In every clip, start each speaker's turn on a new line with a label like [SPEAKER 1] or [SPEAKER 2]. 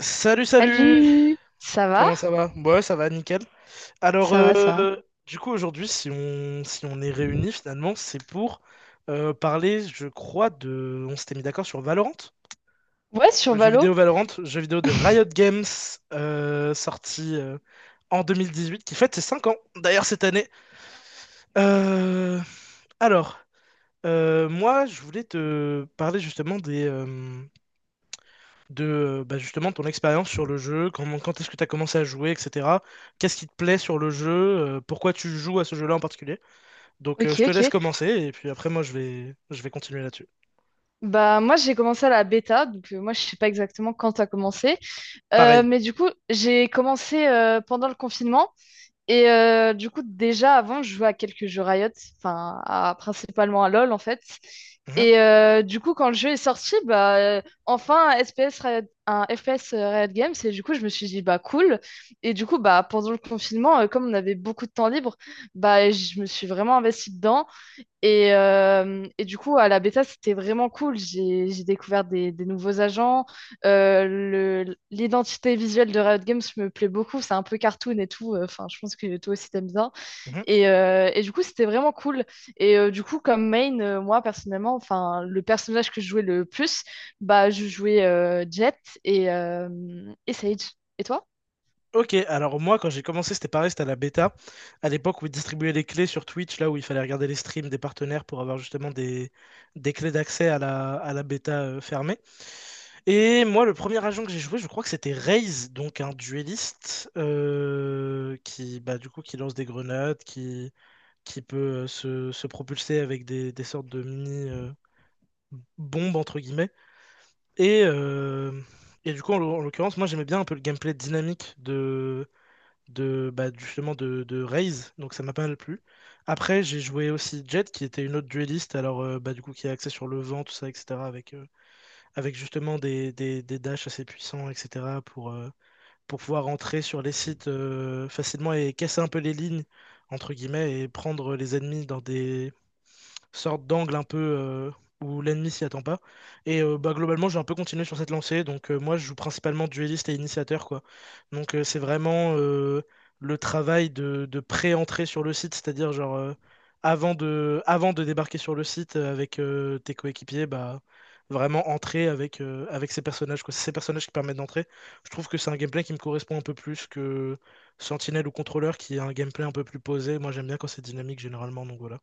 [SPEAKER 1] Salut, salut!
[SPEAKER 2] Salut, ça va?
[SPEAKER 1] Comment ça va? Ouais, ça va, nickel. Alors,
[SPEAKER 2] Ça va, ça va.
[SPEAKER 1] euh, aujourd'hui, si on est réunis, finalement, c'est pour parler, je crois, de... On s'était mis d'accord sur Valorant?
[SPEAKER 2] Ouais, sur
[SPEAKER 1] Le jeu vidéo
[SPEAKER 2] Valo.
[SPEAKER 1] Valorant, jeu vidéo de Riot Games, sorti en 2018, qui fête ses 5 ans, d'ailleurs, cette année. Euh, alors, moi, je voulais te parler justement de justement ton expérience sur le jeu, comment, quand est-ce que tu as commencé à jouer, etc. Qu'est-ce qui te plaît sur le jeu, pourquoi tu joues à ce jeu-là en particulier.
[SPEAKER 2] Ok,
[SPEAKER 1] Je te laisse
[SPEAKER 2] ok.
[SPEAKER 1] commencer et puis après moi je vais continuer là-dessus.
[SPEAKER 2] Bah moi j'ai commencé à la bêta, donc moi je sais pas exactement quand t'as commencé.
[SPEAKER 1] Pareil.
[SPEAKER 2] Mais du coup j'ai commencé pendant le confinement. Et du coup, déjà avant, je jouais à quelques jeux Riot, enfin, principalement à LoL en fait.
[SPEAKER 1] Mhm,
[SPEAKER 2] Et du coup, quand le jeu est sorti, bah, enfin, un FPS Riot Games, et du coup, je me suis dit, bah cool. Et du coup, bah, pendant le confinement, comme on avait beaucoup de temps libre, bah, je me suis vraiment investie dedans. Et du coup, à la bêta, c'était vraiment cool. J'ai découvert des nouveaux agents. L'identité visuelle de Riot Games me plaît beaucoup. C'est un peu cartoon et tout. Enfin, je pense que toi aussi, t'aimes bien.
[SPEAKER 1] mhm.
[SPEAKER 2] Et du coup, c'était vraiment cool. Et du coup, comme main, moi, personnellement, enfin, le personnage que je jouais le plus, bah, je jouais Jett et, euh, et Sage. Et toi?
[SPEAKER 1] Ok, alors moi quand j'ai commencé, c'était pareil, c'était à la bêta, à l'époque où ils distribuaient les clés sur Twitch, là où il fallait regarder les streams des partenaires pour avoir justement des clés d'accès à à la bêta fermée. Et moi, le premier agent que j'ai joué, je crois que c'était Raze, donc un dueliste qui, bah, du coup, qui lance des grenades, qui peut se propulser avec des sortes de mini bombes entre guillemets. Et, euh, et du coup, en l'occurrence, moi j'aimais bien un peu le gameplay dynamique de bah, justement de Raze, donc ça m'a pas mal plu. Après, j'ai joué aussi Jet, qui était une autre dueliste, alors du coup qui est axée sur le vent, tout ça, etc., avec, avec justement des dashs assez puissants, etc., pour pouvoir entrer sur les sites facilement et casser un peu les lignes, entre guillemets, et prendre les ennemis dans des, sorte d'angle un peu où l'ennemi s'y attend pas. Et globalement, j'ai un peu continué sur cette lancée. Donc, moi, je joue principalement dueliste et initiateur, quoi. Donc, c'est vraiment le travail de pré-entrée sur le site, c'est-à-dire, genre, avant de débarquer sur le site avec tes coéquipiers, bah. Vraiment entrer avec, avec ces personnages, quoi. C'est ces personnages qui permettent d'entrer. Je trouve que c'est un gameplay qui me correspond un peu plus que Sentinelle ou Contrôleur, qui est un gameplay un peu plus posé. Moi, j'aime bien quand c'est dynamique, généralement, donc voilà.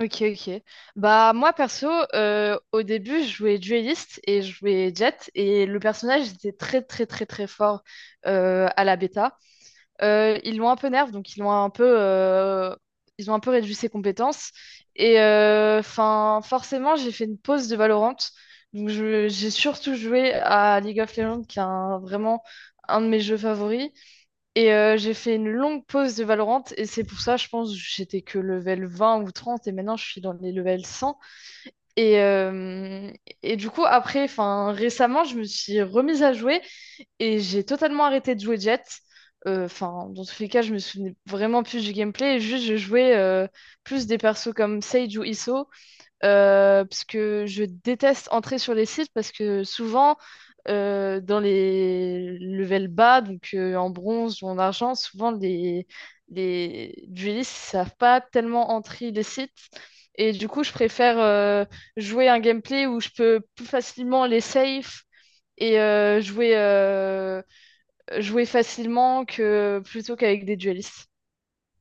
[SPEAKER 2] Ok, ok. Bah, moi, perso, au début, je jouais Duelist et je jouais Jet, et le personnage était très, très, très, très fort à la bêta. Ils l'ont un peu nerf, donc ils l'ont un peu, ils ont un peu réduit ses compétences. Et enfin, forcément, j'ai fait une pause de Valorant. Donc, j'ai surtout joué à League of Legends, qui est vraiment un de mes jeux favoris. Et j'ai fait une longue pause de Valorant et c'est pour ça, je pense, j'étais que level 20 ou 30 et maintenant je suis dans les level 100. Et, euh, et du coup, après, enfin, récemment, je me suis remise à jouer et j'ai totalement arrêté de jouer Jet. Enfin, dans tous les cas, je me souvenais vraiment plus du gameplay. Juste, je jouais plus des persos comme Sage ou Iso parce que je déteste entrer sur les sites parce que souvent, dans les levels bas, donc en bronze ou en argent, souvent les duellistes savent pas tellement entrer les sites. Et du coup, je préfère jouer un gameplay où je peux plus facilement les safe et jouer, jouer facilement que plutôt qu'avec des duellistes.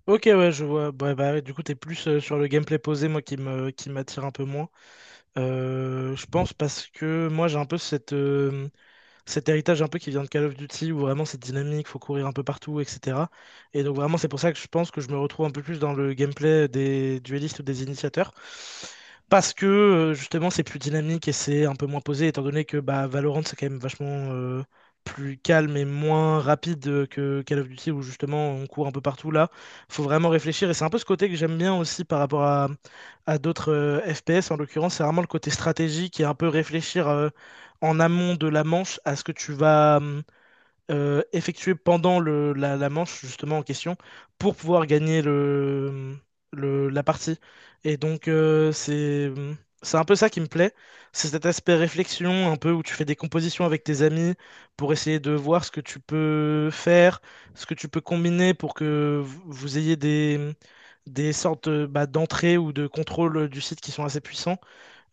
[SPEAKER 1] Ok, ouais, je vois. Bah, bah, ouais, du coup, t'es plus sur le gameplay posé, moi, qui m'attire un peu moins. Je pense parce que moi, j'ai un peu cette, cet héritage un peu qui vient de Call of Duty, où vraiment c'est dynamique, faut courir un peu partout, etc. Et donc vraiment c'est pour ça que je pense que je me retrouve un peu plus dans le gameplay des duellistes ou des initiateurs. Parce que justement c'est plus dynamique et c'est un peu moins posé, étant donné que bah, Valorant c'est quand même vachement euh, plus calme et moins rapide que Call of Duty, où justement on court un peu partout là. Faut vraiment réfléchir et c'est un peu ce côté que j'aime bien aussi par rapport à d'autres FPS. En l'occurrence c'est vraiment le côté stratégique et un peu réfléchir, en amont de la manche à ce que tu vas effectuer pendant la manche justement en question pour pouvoir gagner la partie. Et donc c'est un peu ça qui me plaît, c'est cet aspect réflexion un peu où tu fais des compositions avec tes amis pour essayer de voir ce que tu peux faire, ce que tu peux combiner pour que vous vous ayez des sortes bah, d'entrées ou de contrôle du site qui sont assez puissants.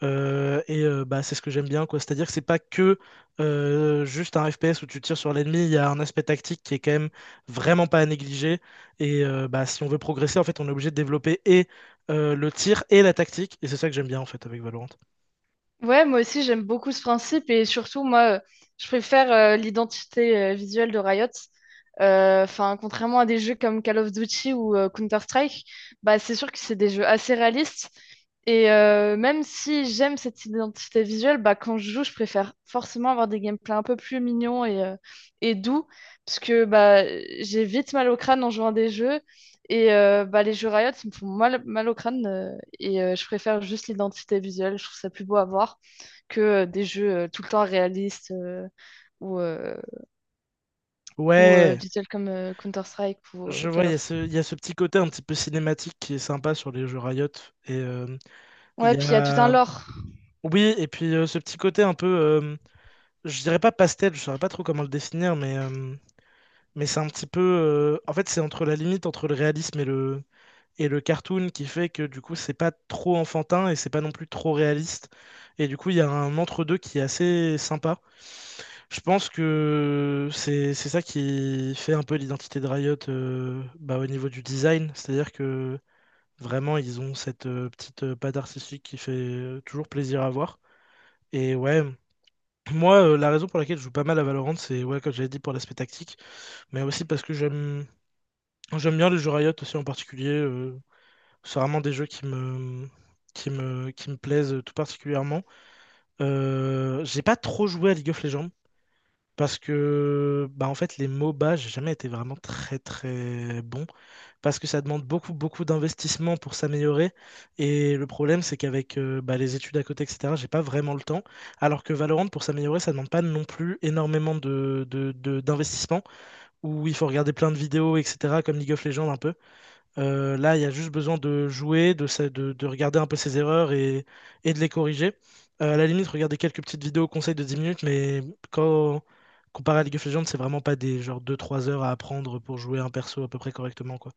[SPEAKER 1] C'est ce que j'aime bien, quoi. C'est-à-dire que c'est pas que juste un FPS où tu tires sur l'ennemi, il y a un aspect tactique qui est quand même vraiment pas à négliger. Et si on veut progresser, en fait, on est obligé de développer et le tir et la tactique. Et c'est ça que j'aime bien, en fait, avec Valorant.
[SPEAKER 2] Ouais, moi aussi j'aime beaucoup ce principe et surtout moi, je préfère l'identité visuelle de Riot. Enfin, contrairement à des jeux comme Call of Duty ou Counter-Strike, bah c'est sûr que c'est des jeux assez réalistes et même si j'aime cette identité visuelle, bah quand je joue je préfère forcément avoir des gameplays un peu plus mignons et doux parce que bah j'ai vite mal au crâne en jouant à des jeux et bah les jeux Riot ils me font mal, mal au crâne et je préfère juste l'identité visuelle, je trouve ça plus beau à voir que des jeux tout le temps réalistes ou, euh, ou
[SPEAKER 1] Ouais!
[SPEAKER 2] visuels comme Counter-Strike ou
[SPEAKER 1] Je vois,
[SPEAKER 2] Call of.
[SPEAKER 1] il y a ce petit côté un petit peu cinématique qui est sympa sur les jeux Riot. Et il
[SPEAKER 2] Ouais,
[SPEAKER 1] y
[SPEAKER 2] puis il y a tout un
[SPEAKER 1] a.
[SPEAKER 2] lore.
[SPEAKER 1] Oui, et puis ce petit côté un peu, je dirais pas pastel, je saurais pas trop comment le définir, mais c'est un petit peu, en fait, c'est entre la limite entre le réalisme et le cartoon qui fait que du coup c'est pas trop enfantin et c'est pas non plus trop réaliste. Et du coup il y a un entre-deux qui est assez sympa. Je pense que c'est ça qui fait un peu l'identité de Riot au niveau du design. C'est-à-dire que vraiment ils ont cette petite patte artistique qui fait toujours plaisir à voir. Et ouais. Moi, la raison pour laquelle je joue pas mal à Valorant, c'est ouais, comme j'avais dit pour l'aspect tactique, mais aussi parce que j'aime bien les jeux Riot aussi en particulier, c'est vraiment des jeux qui me plaisent tout particulièrement. J'ai pas trop joué à League of Legends parce que bah en fait les MOBA, j'ai jamais été vraiment très bon parce que ça demande beaucoup d'investissement pour s'améliorer et le problème c'est qu'avec les études à côté etc. j'ai pas vraiment le temps alors que Valorant pour s'améliorer ça demande pas non plus énormément d'investissement où il faut regarder plein de vidéos etc. comme League of Legends un peu. Là, il y a juste besoin de jouer, de regarder un peu ses erreurs et de les corriger. À la limite, regarder quelques petites vidéos conseils de 10 minutes, mais quand comparé à League of Legends, c'est vraiment pas des genre deux trois heures à apprendre pour jouer un perso à peu près correctement, quoi.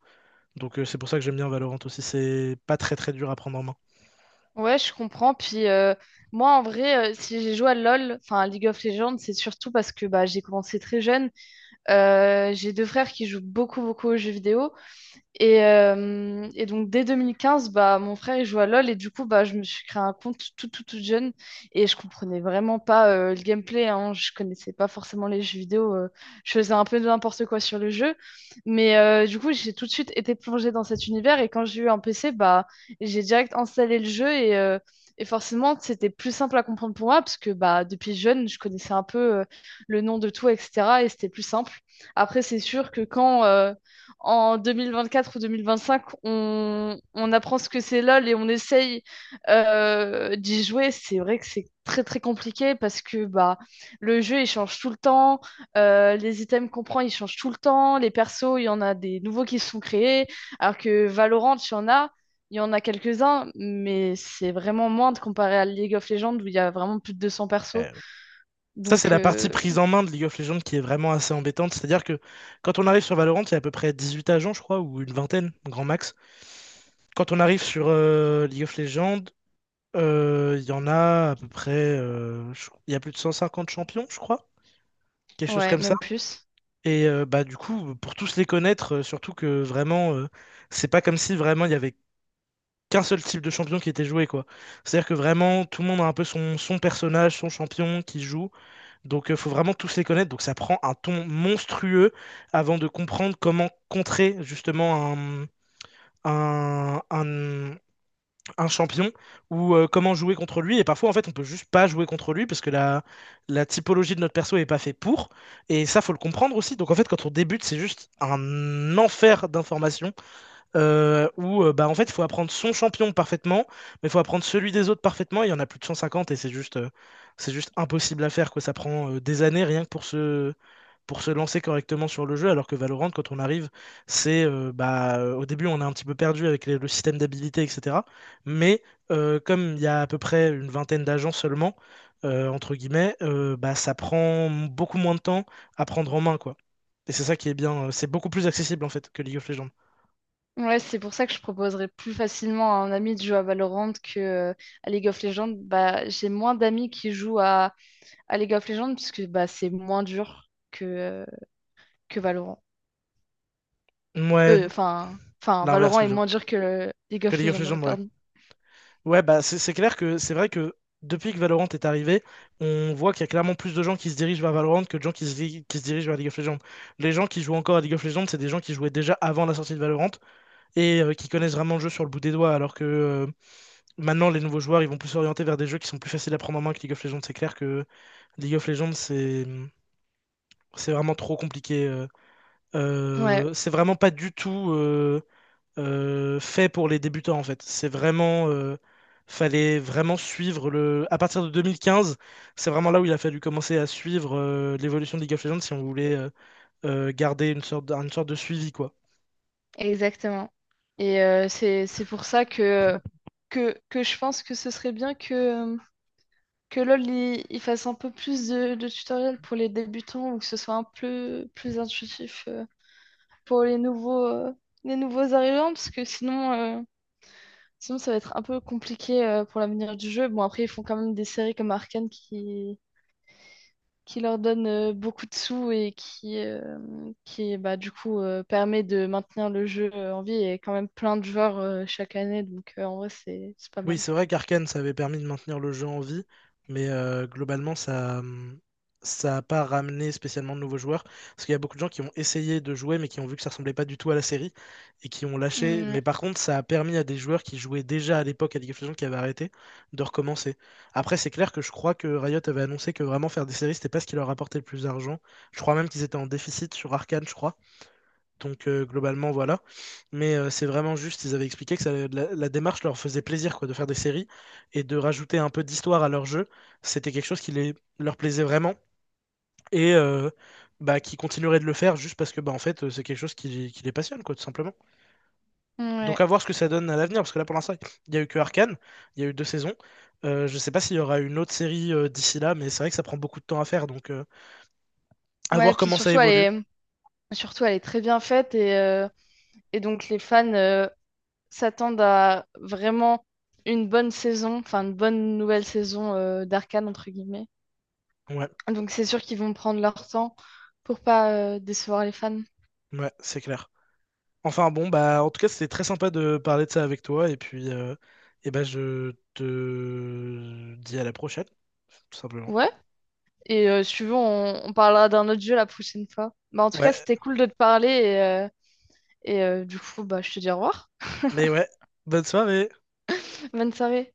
[SPEAKER 1] Donc c'est pour ça que j'aime bien Valorant aussi, c'est pas très dur à prendre en main.
[SPEAKER 2] Ouais, je comprends. Puis moi, en vrai, si j'ai joué à LoL, enfin à League of Legends, c'est surtout parce que bah, j'ai commencé très jeune. J'ai deux frères qui jouent beaucoup, beaucoup aux jeux vidéo. Et donc dès 2015, bah, mon frère il joue à LoL et du coup bah, je me suis créé un compte tout tout tout jeune et je comprenais vraiment pas le gameplay, hein. Je connaissais pas forcément les jeux vidéo, je faisais un peu de n'importe quoi sur le jeu, mais du coup j'ai tout de suite été plongée dans cet univers et quand j'ai eu un PC, bah, j'ai direct installé le jeu et forcément c'était plus simple à comprendre pour moi parce que bah, depuis jeune je connaissais un peu le nom de tout etc et c'était plus simple. Après c'est sûr que quand... en 2024 ou 2025, on apprend ce que c'est LOL et on essaye d'y jouer. C'est vrai que c'est très très compliqué parce que bah, le jeu il change tout le temps, les items qu'on prend ils changent tout le temps, les persos il y en a des nouveaux qui sont créés, alors que Valorant il y en a, il y en a quelques-uns, mais c'est vraiment moins de comparé à League of Legends où il y a vraiment plus de 200 persos.
[SPEAKER 1] Euh, Ça, c'est
[SPEAKER 2] Donc
[SPEAKER 1] la partie prise en main de League of Legends qui est vraiment assez embêtante. C'est-à-dire que quand on arrive sur Valorant, il y a à peu près 18 agents, je crois, ou une vingtaine, grand max. Quand on arrive sur League of Legends, il y en a à peu près, il y a plus de 150 champions, je crois, quelque chose
[SPEAKER 2] ouais,
[SPEAKER 1] comme ça.
[SPEAKER 2] même plus.
[SPEAKER 1] Et du coup, pour tous les connaître, surtout que vraiment, c'est pas comme si vraiment il y avait qu'un seul type de champion qui était joué, quoi. C'est-à-dire que vraiment, tout le monde a un peu son personnage, son champion qui joue. Donc faut vraiment tous les connaître. Donc ça prend un ton monstrueux avant de comprendre comment contrer justement un, un- un champion ou comment jouer contre lui. Et parfois, en fait, on peut juste pas jouer contre lui parce que la typologie de notre perso est pas fait pour. Et ça, faut le comprendre aussi. Donc, en fait, quand on débute, c'est juste un enfer d'informations en fait, il faut apprendre son champion parfaitement, mais il faut apprendre celui des autres parfaitement. Il y en a plus de 150 et c'est juste impossible à faire, quoi. Ça prend des années rien que pour pour se lancer correctement sur le jeu, alors que Valorant, quand on arrive, c'est au début, on est un petit peu perdu avec le système d'habilité, etc. Mais comme il y a à peu près une vingtaine d'agents seulement, entre guillemets, ça prend beaucoup moins de temps à prendre en main, quoi. Et c'est ça qui est bien, c'est beaucoup plus accessible en fait que League of Legends.
[SPEAKER 2] Ouais, c'est pour ça que je proposerais plus facilement à un ami de jouer à Valorant que à League of Legends. Bah, j'ai moins d'amis qui jouent à League of Legends parce que bah, c'est moins dur que Valorant.
[SPEAKER 1] Ouais,
[SPEAKER 2] Enfin,
[SPEAKER 1] l'inverse
[SPEAKER 2] Valorant est
[SPEAKER 1] plutôt.
[SPEAKER 2] moins dur que le League
[SPEAKER 1] Que
[SPEAKER 2] of
[SPEAKER 1] League of
[SPEAKER 2] Legends, ouais,
[SPEAKER 1] Legends, ouais.
[SPEAKER 2] pardon.
[SPEAKER 1] Ouais, bah c'est clair que c'est vrai que depuis que Valorant est arrivé, on voit qu'il y a clairement plus de gens qui se dirigent vers Valorant que de gens qui qui se dirigent vers League of Legends. Les gens qui jouent encore à League of Legends, c'est des gens qui jouaient déjà avant la sortie de Valorant et qui connaissent vraiment le jeu sur le bout des doigts, alors que maintenant les nouveaux joueurs, ils vont plus s'orienter vers des jeux qui sont plus faciles à prendre en main que League of Legends. C'est clair que League of Legends, c'est vraiment trop compliqué,
[SPEAKER 2] Ouais,
[SPEAKER 1] C'est vraiment pas du tout... fait pour les débutants en fait. C'est vraiment, fallait vraiment suivre le. À partir de 2015 c'est vraiment là où il a fallu commencer à suivre l'évolution de League of Legends si on voulait garder une sorte de suivi quoi.
[SPEAKER 2] exactement. Et c'est pour ça que je pense que ce serait bien euh, que LoL il fasse un peu plus de tutoriels pour les débutants ou que ce soit un peu plus intuitif pour les nouveaux arrivants, parce que sinon, euh, sinon ça va être un peu compliqué pour l'avenir du jeu. Bon, après, ils font quand même des séries comme Arcane qui leur donnent beaucoup de sous et qui bah, du coup, permet de maintenir le jeu en vie et quand même plein de joueurs chaque année. Donc, en vrai, c'est pas
[SPEAKER 1] Oui,
[SPEAKER 2] mal.
[SPEAKER 1] c'est vrai qu'Arkane, ça avait permis de maintenir le jeu en vie, mais globalement, ça n'a pas ramené spécialement de nouveaux joueurs. Parce qu'il y a beaucoup de gens qui ont essayé de jouer, mais qui ont vu que ça ressemblait pas du tout à la série, et qui ont lâché.
[SPEAKER 2] Mm.
[SPEAKER 1] Mais par contre, ça a permis à des joueurs qui jouaient déjà à l'époque à League of Legends, qui avaient arrêté, de recommencer. Après, c'est clair que je crois que Riot avait annoncé que vraiment faire des séries, c'était pas ce qui leur rapportait le plus d'argent. Je crois même qu'ils étaient en déficit sur Arcane, je crois. Donc globalement, voilà. Mais c'est vraiment juste, ils avaient expliqué que la démarche leur faisait plaisir quoi, de faire des séries et de rajouter un peu d'histoire à leur jeu. C'était quelque chose qui leur plaisait vraiment et qui continuerait de le faire juste parce que c'est quelque chose qui les passionne, quoi, tout simplement.
[SPEAKER 2] Ouais,
[SPEAKER 1] Donc à
[SPEAKER 2] ouais.
[SPEAKER 1] voir ce que ça donne à l'avenir, parce que là pour l'instant, il n'y a eu que Arcane, il y a eu 2 saisons. Je sais pas s'il y aura une autre série d'ici là, mais c'est vrai que ça prend beaucoup de temps à faire, donc à
[SPEAKER 2] Ouais,
[SPEAKER 1] voir
[SPEAKER 2] puis
[SPEAKER 1] comment ça évolue.
[SPEAKER 2] est, surtout, elle est très bien faite et donc les fans, s'attendent à vraiment une bonne saison, enfin une bonne nouvelle saison d'Arcane, entre guillemets.
[SPEAKER 1] Ouais,
[SPEAKER 2] Donc c'est sûr qu'ils vont prendre leur temps pour pas décevoir les fans.
[SPEAKER 1] ouais, c'est clair. Enfin bon, bah en tout cas c'était très sympa de parler de ça avec toi et puis eh ben je te dis à la prochaine, tout simplement.
[SPEAKER 2] Ouais, et si tu veux, on parlera d'un autre jeu la prochaine fois. Bah, en tout cas,
[SPEAKER 1] Ouais,
[SPEAKER 2] c'était cool de te parler et, du coup, bah, je te dis au revoir.
[SPEAKER 1] mais ouais, bonne soirée.
[SPEAKER 2] Bonne soirée.